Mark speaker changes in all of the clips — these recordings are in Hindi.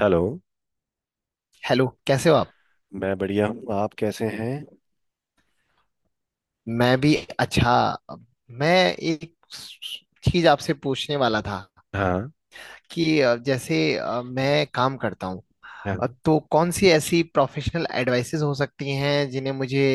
Speaker 1: हेलो।
Speaker 2: हेलो कैसे हो आप।
Speaker 1: मैं बढ़िया हूँ, आप कैसे हैं?
Speaker 2: मैं भी। अच्छा। मैं एक चीज आपसे पूछने वाला था
Speaker 1: हाँ।
Speaker 2: कि जैसे मैं काम करता हूँ।
Speaker 1: हाँ,
Speaker 2: तो कौन सी ऐसी प्रोफेशनल एडवाइसेस हो सकती हैं जिन्हें मुझे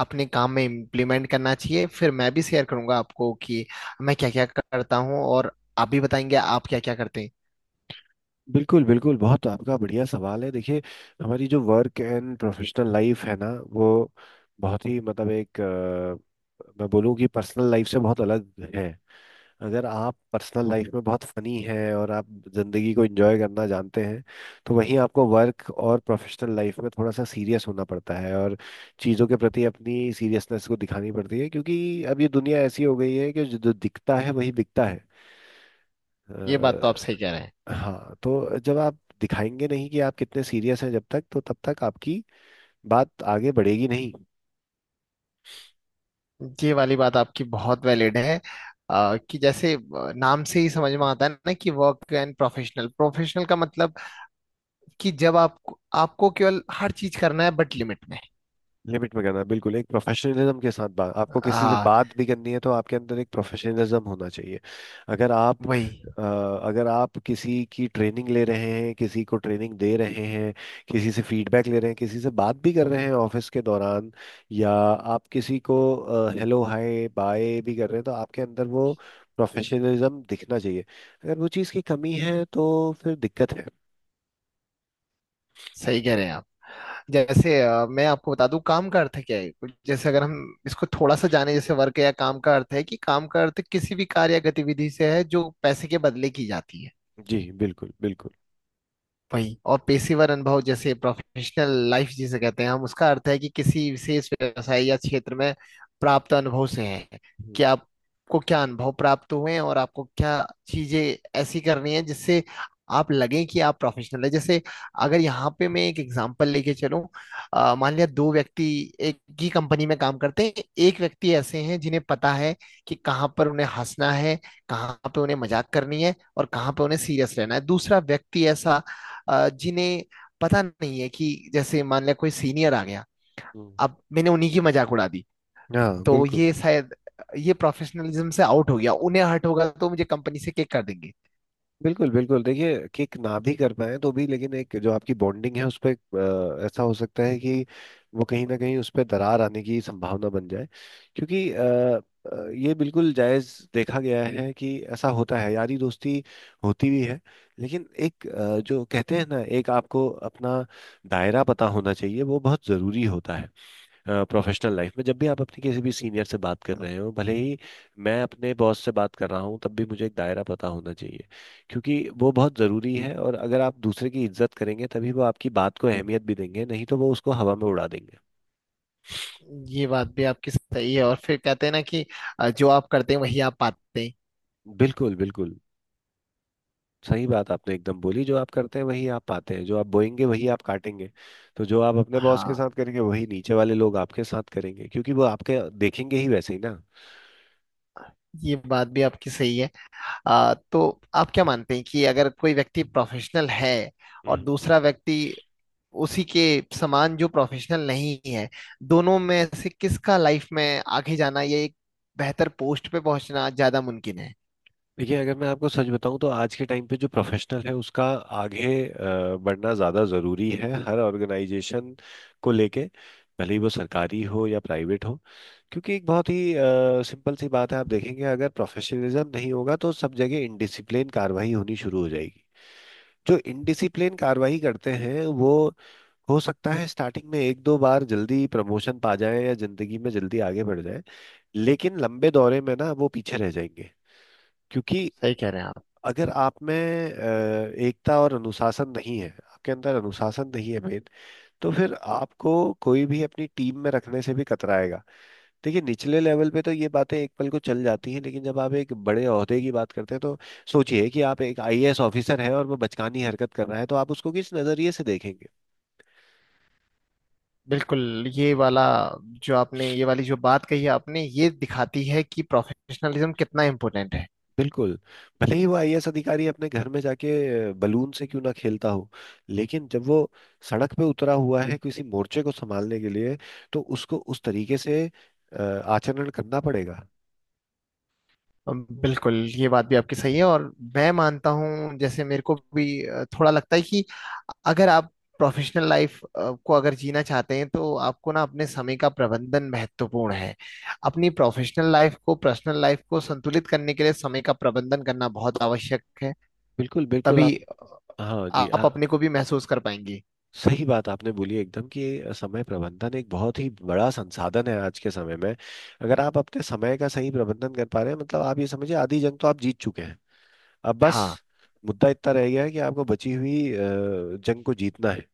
Speaker 2: अपने काम में इम्प्लीमेंट करना चाहिए। फिर मैं भी शेयर करूंगा आपको कि मैं क्या क्या करता हूँ और आप भी बताएंगे आप क्या क्या करते हैं।
Speaker 1: बिल्कुल बिल्कुल, बहुत आपका बढ़िया सवाल है। देखिए, हमारी जो वर्क एंड प्रोफेशनल लाइफ है ना, वो बहुत ही मतलब एक मैं बोलूँ कि पर्सनल लाइफ से बहुत अलग है। अगर आप पर्सनल लाइफ में बहुत फनी हैं और आप ज़िंदगी को एंजॉय करना जानते हैं, तो वहीं आपको वर्क और प्रोफेशनल लाइफ में थोड़ा सा सीरियस होना पड़ता है, और चीज़ों के प्रति अपनी सीरियसनेस को दिखानी पड़ती है, क्योंकि अब ये दुनिया ऐसी हो गई है कि जो जो दिखता है वही बिकता है।
Speaker 2: ये बात तो आप सही
Speaker 1: अ,
Speaker 2: कह रहे हैं।
Speaker 1: हाँ, तो जब आप दिखाएंगे नहीं कि आप कितने सीरियस हैं जब तक, तो तब तक आपकी बात आगे बढ़ेगी नहीं।
Speaker 2: ये वाली बात आपकी बहुत वैलिड है। कि जैसे नाम से ही समझ में आता है ना कि वर्क एंड प्रोफेशनल प्रोफेशनल का मतलब कि जब आप आपको केवल हर चीज करना है बट लिमिट में।
Speaker 1: लिमिट में करना, बिल्कुल, एक प्रोफेशनलिज्म के साथ बात, आपको किसी से
Speaker 2: हाँ।
Speaker 1: बात भी करनी है तो आपके अंदर एक प्रोफेशनलिज्म होना चाहिए। अगर आप
Speaker 2: वही।
Speaker 1: अगर आप किसी की ट्रेनिंग ले रहे हैं, किसी को ट्रेनिंग दे रहे हैं, किसी से फीडबैक ले रहे हैं, किसी से बात भी कर रहे हैं ऑफिस के दौरान, या आप किसी को हेलो हाय बाय भी कर रहे हैं, तो आपके अंदर वो प्रोफेशनलिज्म दिखना चाहिए। अगर वो चीज़ की कमी है तो फिर दिक्कत है।
Speaker 2: सही कह रहे हैं आप। जैसे मैं आपको बता दूं काम का अर्थ क्या है। जैसे अगर हम इसको थोड़ा सा जाने। जैसे वर्क या काम का अर्थ है कि काम का अर्थ किसी भी कार्य या गतिविधि से है जो पैसे के बदले की जाती है।
Speaker 1: जी, बिल्कुल बिल्कुल।
Speaker 2: वही और पेशेवर अनुभव जैसे प्रोफेशनल लाइफ जिसे कहते हैं हम उसका अर्थ है कि किसी विशेष व्यवसाय या क्षेत्र में प्राप्त अनुभव से है।
Speaker 1: हम्म।
Speaker 2: कि आपको क्या अनुभव प्राप्त हुए हैं और आपको क्या चीजें ऐसी करनी है जिससे आप लगे कि आप प्रोफेशनल है। जैसे अगर यहाँ पे मैं एक एग्जांपल लेके चलूं। मान लिया दो व्यक्ति एक ही कंपनी में काम करते हैं। एक व्यक्ति ऐसे हैं जिन्हें पता है कि कहाँ पर उन्हें हंसना है कहाँ पे उन्हें मजाक करनी है और कहाँ पे उन्हें सीरियस रहना है। दूसरा व्यक्ति ऐसा जिन्हें पता नहीं है कि जैसे मान लिया कोई सीनियर आ गया।
Speaker 1: हम्म।
Speaker 2: अब मैंने उन्हीं की मजाक उड़ा दी।
Speaker 1: हाँ,
Speaker 2: तो
Speaker 1: बिल्कुल।
Speaker 2: ये शायद ये प्रोफेशनलिज्म से आउट हो गया। उन्हें हर्ट होगा तो मुझे कंपनी से किक कर देंगे।
Speaker 1: बिल्कुल बिल्कुल, देखिए, किक ना भी कर पाए तो भी, लेकिन एक जो आपकी बॉन्डिंग है उस पर ऐसा हो सकता है कि वो कहीं ना कहीं उस पर दरार आने की संभावना बन जाए। क्योंकि ये बिल्कुल जायज देखा गया है कि ऐसा होता है। यारी दोस्ती होती भी है, लेकिन एक जो कहते हैं ना, एक आपको अपना दायरा पता होना चाहिए, वो बहुत ज़रूरी होता है। प्रोफेशनल लाइफ में जब भी आप अपने किसी भी सीनियर से बात कर रहे हो, भले ही मैं अपने बॉस से बात कर रहा हूँ तब भी मुझे एक दायरा पता होना चाहिए, क्योंकि वो बहुत ज़रूरी है। और अगर आप दूसरे की इज्जत करेंगे तभी वो आपकी बात को अहमियत भी देंगे, नहीं तो वो उसको हवा में उड़ा देंगे।
Speaker 2: ये बात भी आपकी सही है और फिर कहते हैं ना कि जो आप करते हैं वही आप पाते हैं।
Speaker 1: बिल्कुल बिल्कुल। सही बात आपने एकदम बोली, जो आप करते हैं वही आप पाते हैं, जो आप बोएंगे वही आप काटेंगे। तो जो आप अपने बॉस के
Speaker 2: हाँ।
Speaker 1: साथ करेंगे वही नीचे वाले लोग आपके साथ करेंगे, क्योंकि वो आपके देखेंगे ही वैसे ही।
Speaker 2: ये बात भी आपकी सही है। तो आप क्या मानते हैं कि अगर कोई व्यक्ति प्रोफेशनल है और
Speaker 1: ना।
Speaker 2: दूसरा व्यक्ति उसी के समान जो प्रोफेशनल नहीं है दोनों में से किसका लाइफ में आगे जाना या एक बेहतर पोस्ट पे पहुंचना ज्यादा मुमकिन है।
Speaker 1: देखिए, अगर मैं आपको सच बताऊं तो आज के टाइम पे जो प्रोफेशनल है उसका आगे बढ़ना ज़्यादा ज़रूरी है, हर ऑर्गेनाइजेशन को लेके, भले ही वो सरकारी हो या प्राइवेट हो। क्योंकि एक बहुत ही सिंपल सी बात है, आप देखेंगे अगर प्रोफेशनलिज्म नहीं होगा तो सब जगह इनडिसिप्लिन कार्रवाई होनी शुरू हो जाएगी। जो इनडिसिप्लिन कार्रवाई करते हैं वो हो सकता है स्टार्टिंग में एक दो बार जल्दी प्रमोशन पा जाए या जिंदगी में जल्दी आगे बढ़ जाए, लेकिन लंबे दौरे में ना वो पीछे रह जाएंगे। क्योंकि
Speaker 2: सही कह रहे हैं आप।
Speaker 1: अगर आप में एकता और अनुशासन नहीं है, आपके अंदर अनुशासन नहीं है मेन, तो फिर आपको कोई भी अपनी टीम में रखने से भी कतराएगा। देखिए निचले लेवल पे तो ये बातें एक पल को चल जाती हैं, लेकिन जब आप एक बड़े ओहदे की बात करते हैं तो सोचिए कि आप एक आईएएस ऑफिसर हैं और वो बचकानी हरकत कर रहा है, तो आप उसको किस नजरिए से देखेंगे?
Speaker 2: बिल्कुल। ये वाली जो बात कही है आपने ये दिखाती है कि प्रोफेशनलिज्म कितना इम्पोर्टेंट है।
Speaker 1: बिल्कुल। भले ही वो आईएएस अधिकारी अपने घर में जाके बलून से क्यों ना खेलता हो, लेकिन जब वो सड़क पे उतरा हुआ है किसी मोर्चे को संभालने के लिए, तो उसको उस तरीके से आचरण करना पड़ेगा।
Speaker 2: बिल्कुल ये बात भी आपकी सही है और मैं मानता हूँ जैसे मेरे को भी थोड़ा लगता है कि अगर आप प्रोफेशनल लाइफ को अगर जीना चाहते हैं तो आपको ना अपने समय का प्रबंधन महत्वपूर्ण है। अपनी प्रोफेशनल लाइफ को पर्सनल लाइफ को संतुलित करने के लिए समय का प्रबंधन करना बहुत आवश्यक है।
Speaker 1: बिल्कुल बिल्कुल।
Speaker 2: तभी
Speaker 1: आप। हाँ जी, हाँ।
Speaker 2: आप अपने को भी महसूस कर पाएंगे।
Speaker 1: सही बात आपने बोली एकदम, कि समय प्रबंधन एक बहुत ही बड़ा संसाधन है आज के समय में। अगर आप अपने समय का सही प्रबंधन कर पा रहे हैं, मतलब आप ये समझिए आधी जंग तो आप जीत चुके हैं। अब बस,
Speaker 2: हाँ
Speaker 1: मुद्दा इतना रह गया है कि आपको बची हुई जंग को जीतना है।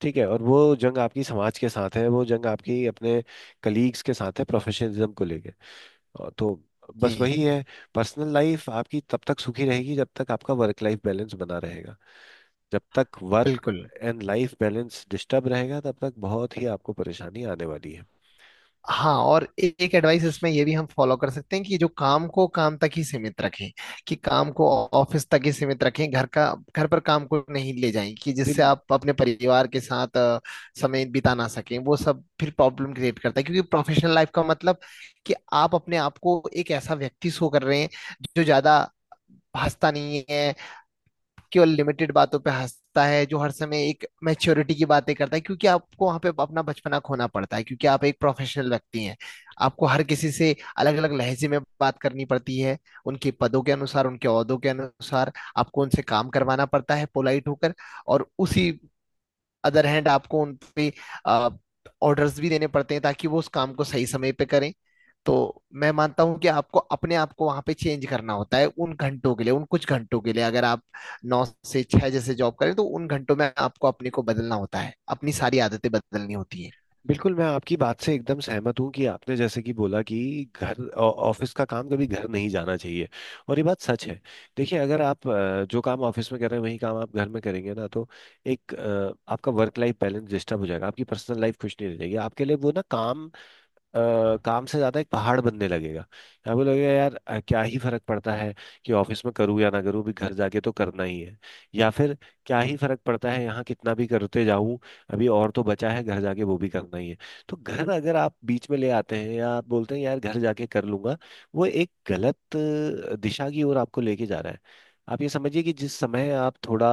Speaker 1: ठीक है। और वो जंग आपकी समाज के साथ है, वो जंग आपकी अपने कलीग्स के साथ है प्रोफेशनलिज्म को लेके। और तो बस
Speaker 2: जी
Speaker 1: वही है। पर्सनल लाइफ आपकी तब तक सुखी रहेगी जब तक आपका वर्क लाइफ बैलेंस बना रहेगा। जब तक वर्क
Speaker 2: बिल्कुल।
Speaker 1: एंड लाइफ बैलेंस डिस्टर्ब रहेगा तब तक बहुत ही आपको परेशानी आने वाली है।
Speaker 2: हाँ और एक एडवाइस इसमें ये भी हम फॉलो कर सकते हैं कि जो काम को काम तक ही सीमित रखें। कि काम को ऑफिस तक ही सीमित रखें। घर पर काम को नहीं ले जाएं कि
Speaker 1: बिल
Speaker 2: जिससे आप अपने परिवार के साथ समय बिता ना सकें। वो सब फिर प्रॉब्लम क्रिएट करता है क्योंकि प्रोफेशनल लाइफ का मतलब कि आप अपने आप को एक ऐसा व्यक्ति शो कर रहे हैं जो ज्यादा भाषता नहीं है। केवल लिमिटेड बातों पे हंसता है जो हर समय एक मैच्योरिटी की बातें करता है क्योंकि आपको वहां पे अपना बचपना खोना पड़ता है क्योंकि आप एक प्रोफेशनल व्यक्ति हैं। आपको हर किसी से अलग अलग लहजे में बात करनी पड़ती है उनके पदों के अनुसार उनके ओहदों के अनुसार। आपको उनसे काम करवाना पड़ता है पोलाइट होकर और उसी अदर हैंड आपको उन पे ऑर्डर्स भी देने पड़ते हैं ताकि वो उस काम को सही समय पे करें। तो मैं मानता हूं कि आपको अपने आप को वहां पे चेंज करना होता है उन घंटों के लिए उन कुछ घंटों के लिए अगर आप 9 से 6 जैसे जॉब करें तो उन घंटों में आपको अपने को बदलना होता है अपनी सारी आदतें बदलनी होती है।
Speaker 1: बिल्कुल मैं आपकी बात से एकदम सहमत हूँ कि आपने जैसे कि बोला कि घर ऑफिस का काम कभी घर नहीं जाना चाहिए, और ये बात सच है। देखिए, अगर आप जो काम ऑफिस में कर रहे हैं वही काम आप घर में करेंगे ना, तो एक आपका वर्क लाइफ बैलेंस डिस्टर्ब हो जाएगा, आपकी पर्सनल लाइफ खुश नहीं रहेगी, आपके लिए वो ना काम अ, काम से ज्यादा एक पहाड़ बनने लगेगा। आपको लगेगा यार, क्या ही फर्क पड़ता है कि ऑफिस में करूँ या ना करूँ, भी घर जाके तो करना ही है। या फिर क्या ही फर्क पड़ता है यहाँ कितना भी करते जाऊं, अभी और तो बचा है घर जाके वो भी करना ही है। तो घर अगर आप बीच में ले आते हैं या आप बोलते हैं यार घर जाके कर लूंगा, वो एक गलत दिशा की ओर आपको लेके जा रहा है। आप ये समझिए कि जिस समय आप थोड़ा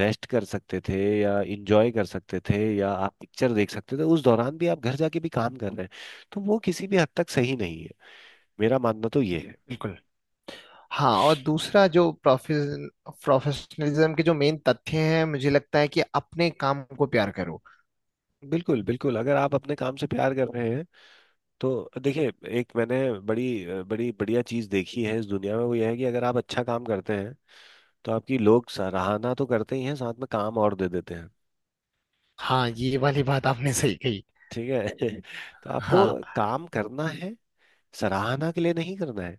Speaker 1: रेस्ट कर सकते थे या इंजॉय कर सकते थे या आप पिक्चर देख सकते थे, उस दौरान भी आप घर जाके भी काम कर रहे हैं, तो वो किसी भी हद तक सही नहीं है, मेरा मानना तो ये है।
Speaker 2: बिल्कुल। हाँ और दूसरा जो प्रोफेशनलिज्म के जो मेन तथ्य हैं मुझे लगता है कि अपने काम को प्यार करो।
Speaker 1: बिल्कुल बिल्कुल, अगर आप अपने काम से प्यार कर रहे हैं तो देखिए, एक मैंने बड़ी बड़ी बढ़िया चीज़ देखी है इस दुनिया में, वो यह है कि अगर आप अच्छा काम करते हैं तो आपकी लोग सराहना तो करते ही हैं, साथ में काम और दे देते हैं।
Speaker 2: हाँ ये वाली बात आपने सही कही।
Speaker 1: ठीक है। तो आपको
Speaker 2: हाँ
Speaker 1: काम करना है, सराहना के लिए नहीं करना है।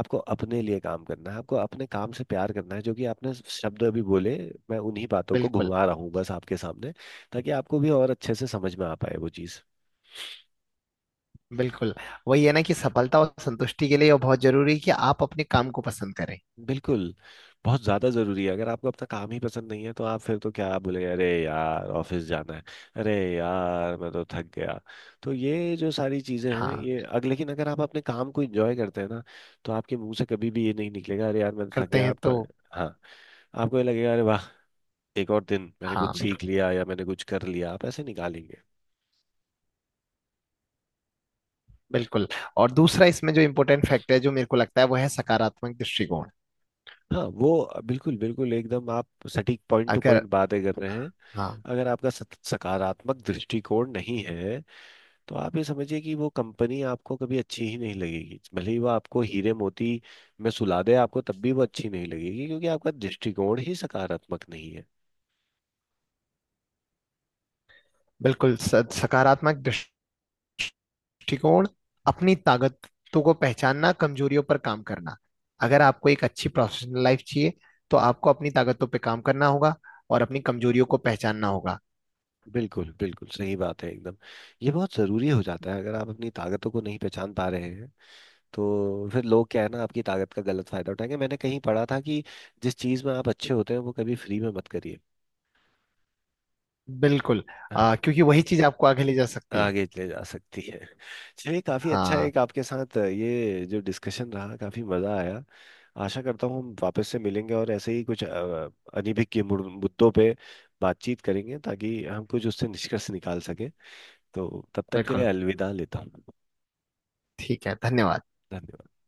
Speaker 1: आपको अपने लिए काम करना है, आपको अपने काम से प्यार करना है, जो कि आपने शब्द अभी बोले। मैं उन्हीं बातों को
Speaker 2: बिल्कुल
Speaker 1: घुमा रहा हूँ बस आपके सामने, ताकि आपको भी और अच्छे से समझ में आ पाए वो चीज़।
Speaker 2: बिल्कुल। वही है ना कि सफलता और संतुष्टि के लिए यह बहुत जरूरी है कि आप अपने काम को पसंद करें।
Speaker 1: बिल्कुल। बहुत ज़्यादा ज़रूरी है। अगर आपको अपना काम ही पसंद नहीं है तो आप फिर तो क्या बोले, अरे यार ऑफिस जाना है, अरे यार मैं तो थक गया। तो ये जो सारी चीज़ें हैं,
Speaker 2: हाँ
Speaker 1: ये अग लेकिन अगर आप अपने काम को इंजॉय करते हैं ना, तो आपके मुंह से कभी भी ये नहीं निकलेगा, अरे यार मैं तो थक
Speaker 2: करते
Speaker 1: गया
Speaker 2: हैं
Speaker 1: आपका।
Speaker 2: तो।
Speaker 1: हाँ। आपको ये लगेगा अरे वाह, एक और दिन मैंने
Speaker 2: हाँ
Speaker 1: कुछ
Speaker 2: बिल्कुल
Speaker 1: सीख लिया या मैंने कुछ कर लिया, आप ऐसे निकालेंगे।
Speaker 2: बिल्कुल। और दूसरा इसमें जो इम्पोर्टेंट फैक्टर है जो मेरे को लगता है वो है सकारात्मक दृष्टिकोण।
Speaker 1: हाँ, वो बिल्कुल बिल्कुल एकदम, आप सटीक पॉइंट टू
Speaker 2: अगर।
Speaker 1: पॉइंट बातें कर रहे हैं।
Speaker 2: हाँ
Speaker 1: अगर आपका सकारात्मक दृष्टिकोण नहीं है, तो आप ये समझिए कि वो कंपनी आपको कभी अच्छी ही नहीं लगेगी, भले ही वो आपको हीरे मोती में सुला दे आपको तब भी वो अच्छी नहीं लगेगी, क्योंकि आपका दृष्टिकोण ही सकारात्मक नहीं है।
Speaker 2: बिल्कुल सकारात्मक दृष्टिकोण अपनी ताकतों को पहचानना कमजोरियों पर काम करना। अगर आपको एक अच्छी प्रोफेशनल लाइफ चाहिए तो आपको अपनी ताकतों पर काम करना होगा और अपनी कमजोरियों को पहचानना होगा।
Speaker 1: बिल्कुल बिल्कुल सही बात है एकदम। ये बहुत ज़रूरी हो जाता है, अगर आप अपनी ताकतों को नहीं पहचान पा रहे हैं तो फिर लोग क्या है ना, आपकी ताकत का गलत फायदा उठाएंगे। मैंने कहीं पढ़ा था कि जिस चीज में आप अच्छे होते हैं वो कभी फ्री में मत करिए।
Speaker 2: बिल्कुल।
Speaker 1: हाँ।
Speaker 2: क्योंकि वही चीज आपको आगे ले जा सकती है।
Speaker 1: आगे ले जा सकती है। चलिए, काफी अच्छा
Speaker 2: हाँ
Speaker 1: एक आपके साथ ये जो डिस्कशन रहा, काफी मजा आया। आशा करता हूँ हम वापस से मिलेंगे और ऐसे ही कुछ अनभिज्ञ के मुद्दों पे बातचीत करेंगे, ताकि हम कुछ उससे निष्कर्ष निकाल सके। तो तब तक के लिए
Speaker 2: बिल्कुल।
Speaker 1: अलविदा लेता हूँ।
Speaker 2: ठीक है धन्यवाद।
Speaker 1: धन्यवाद।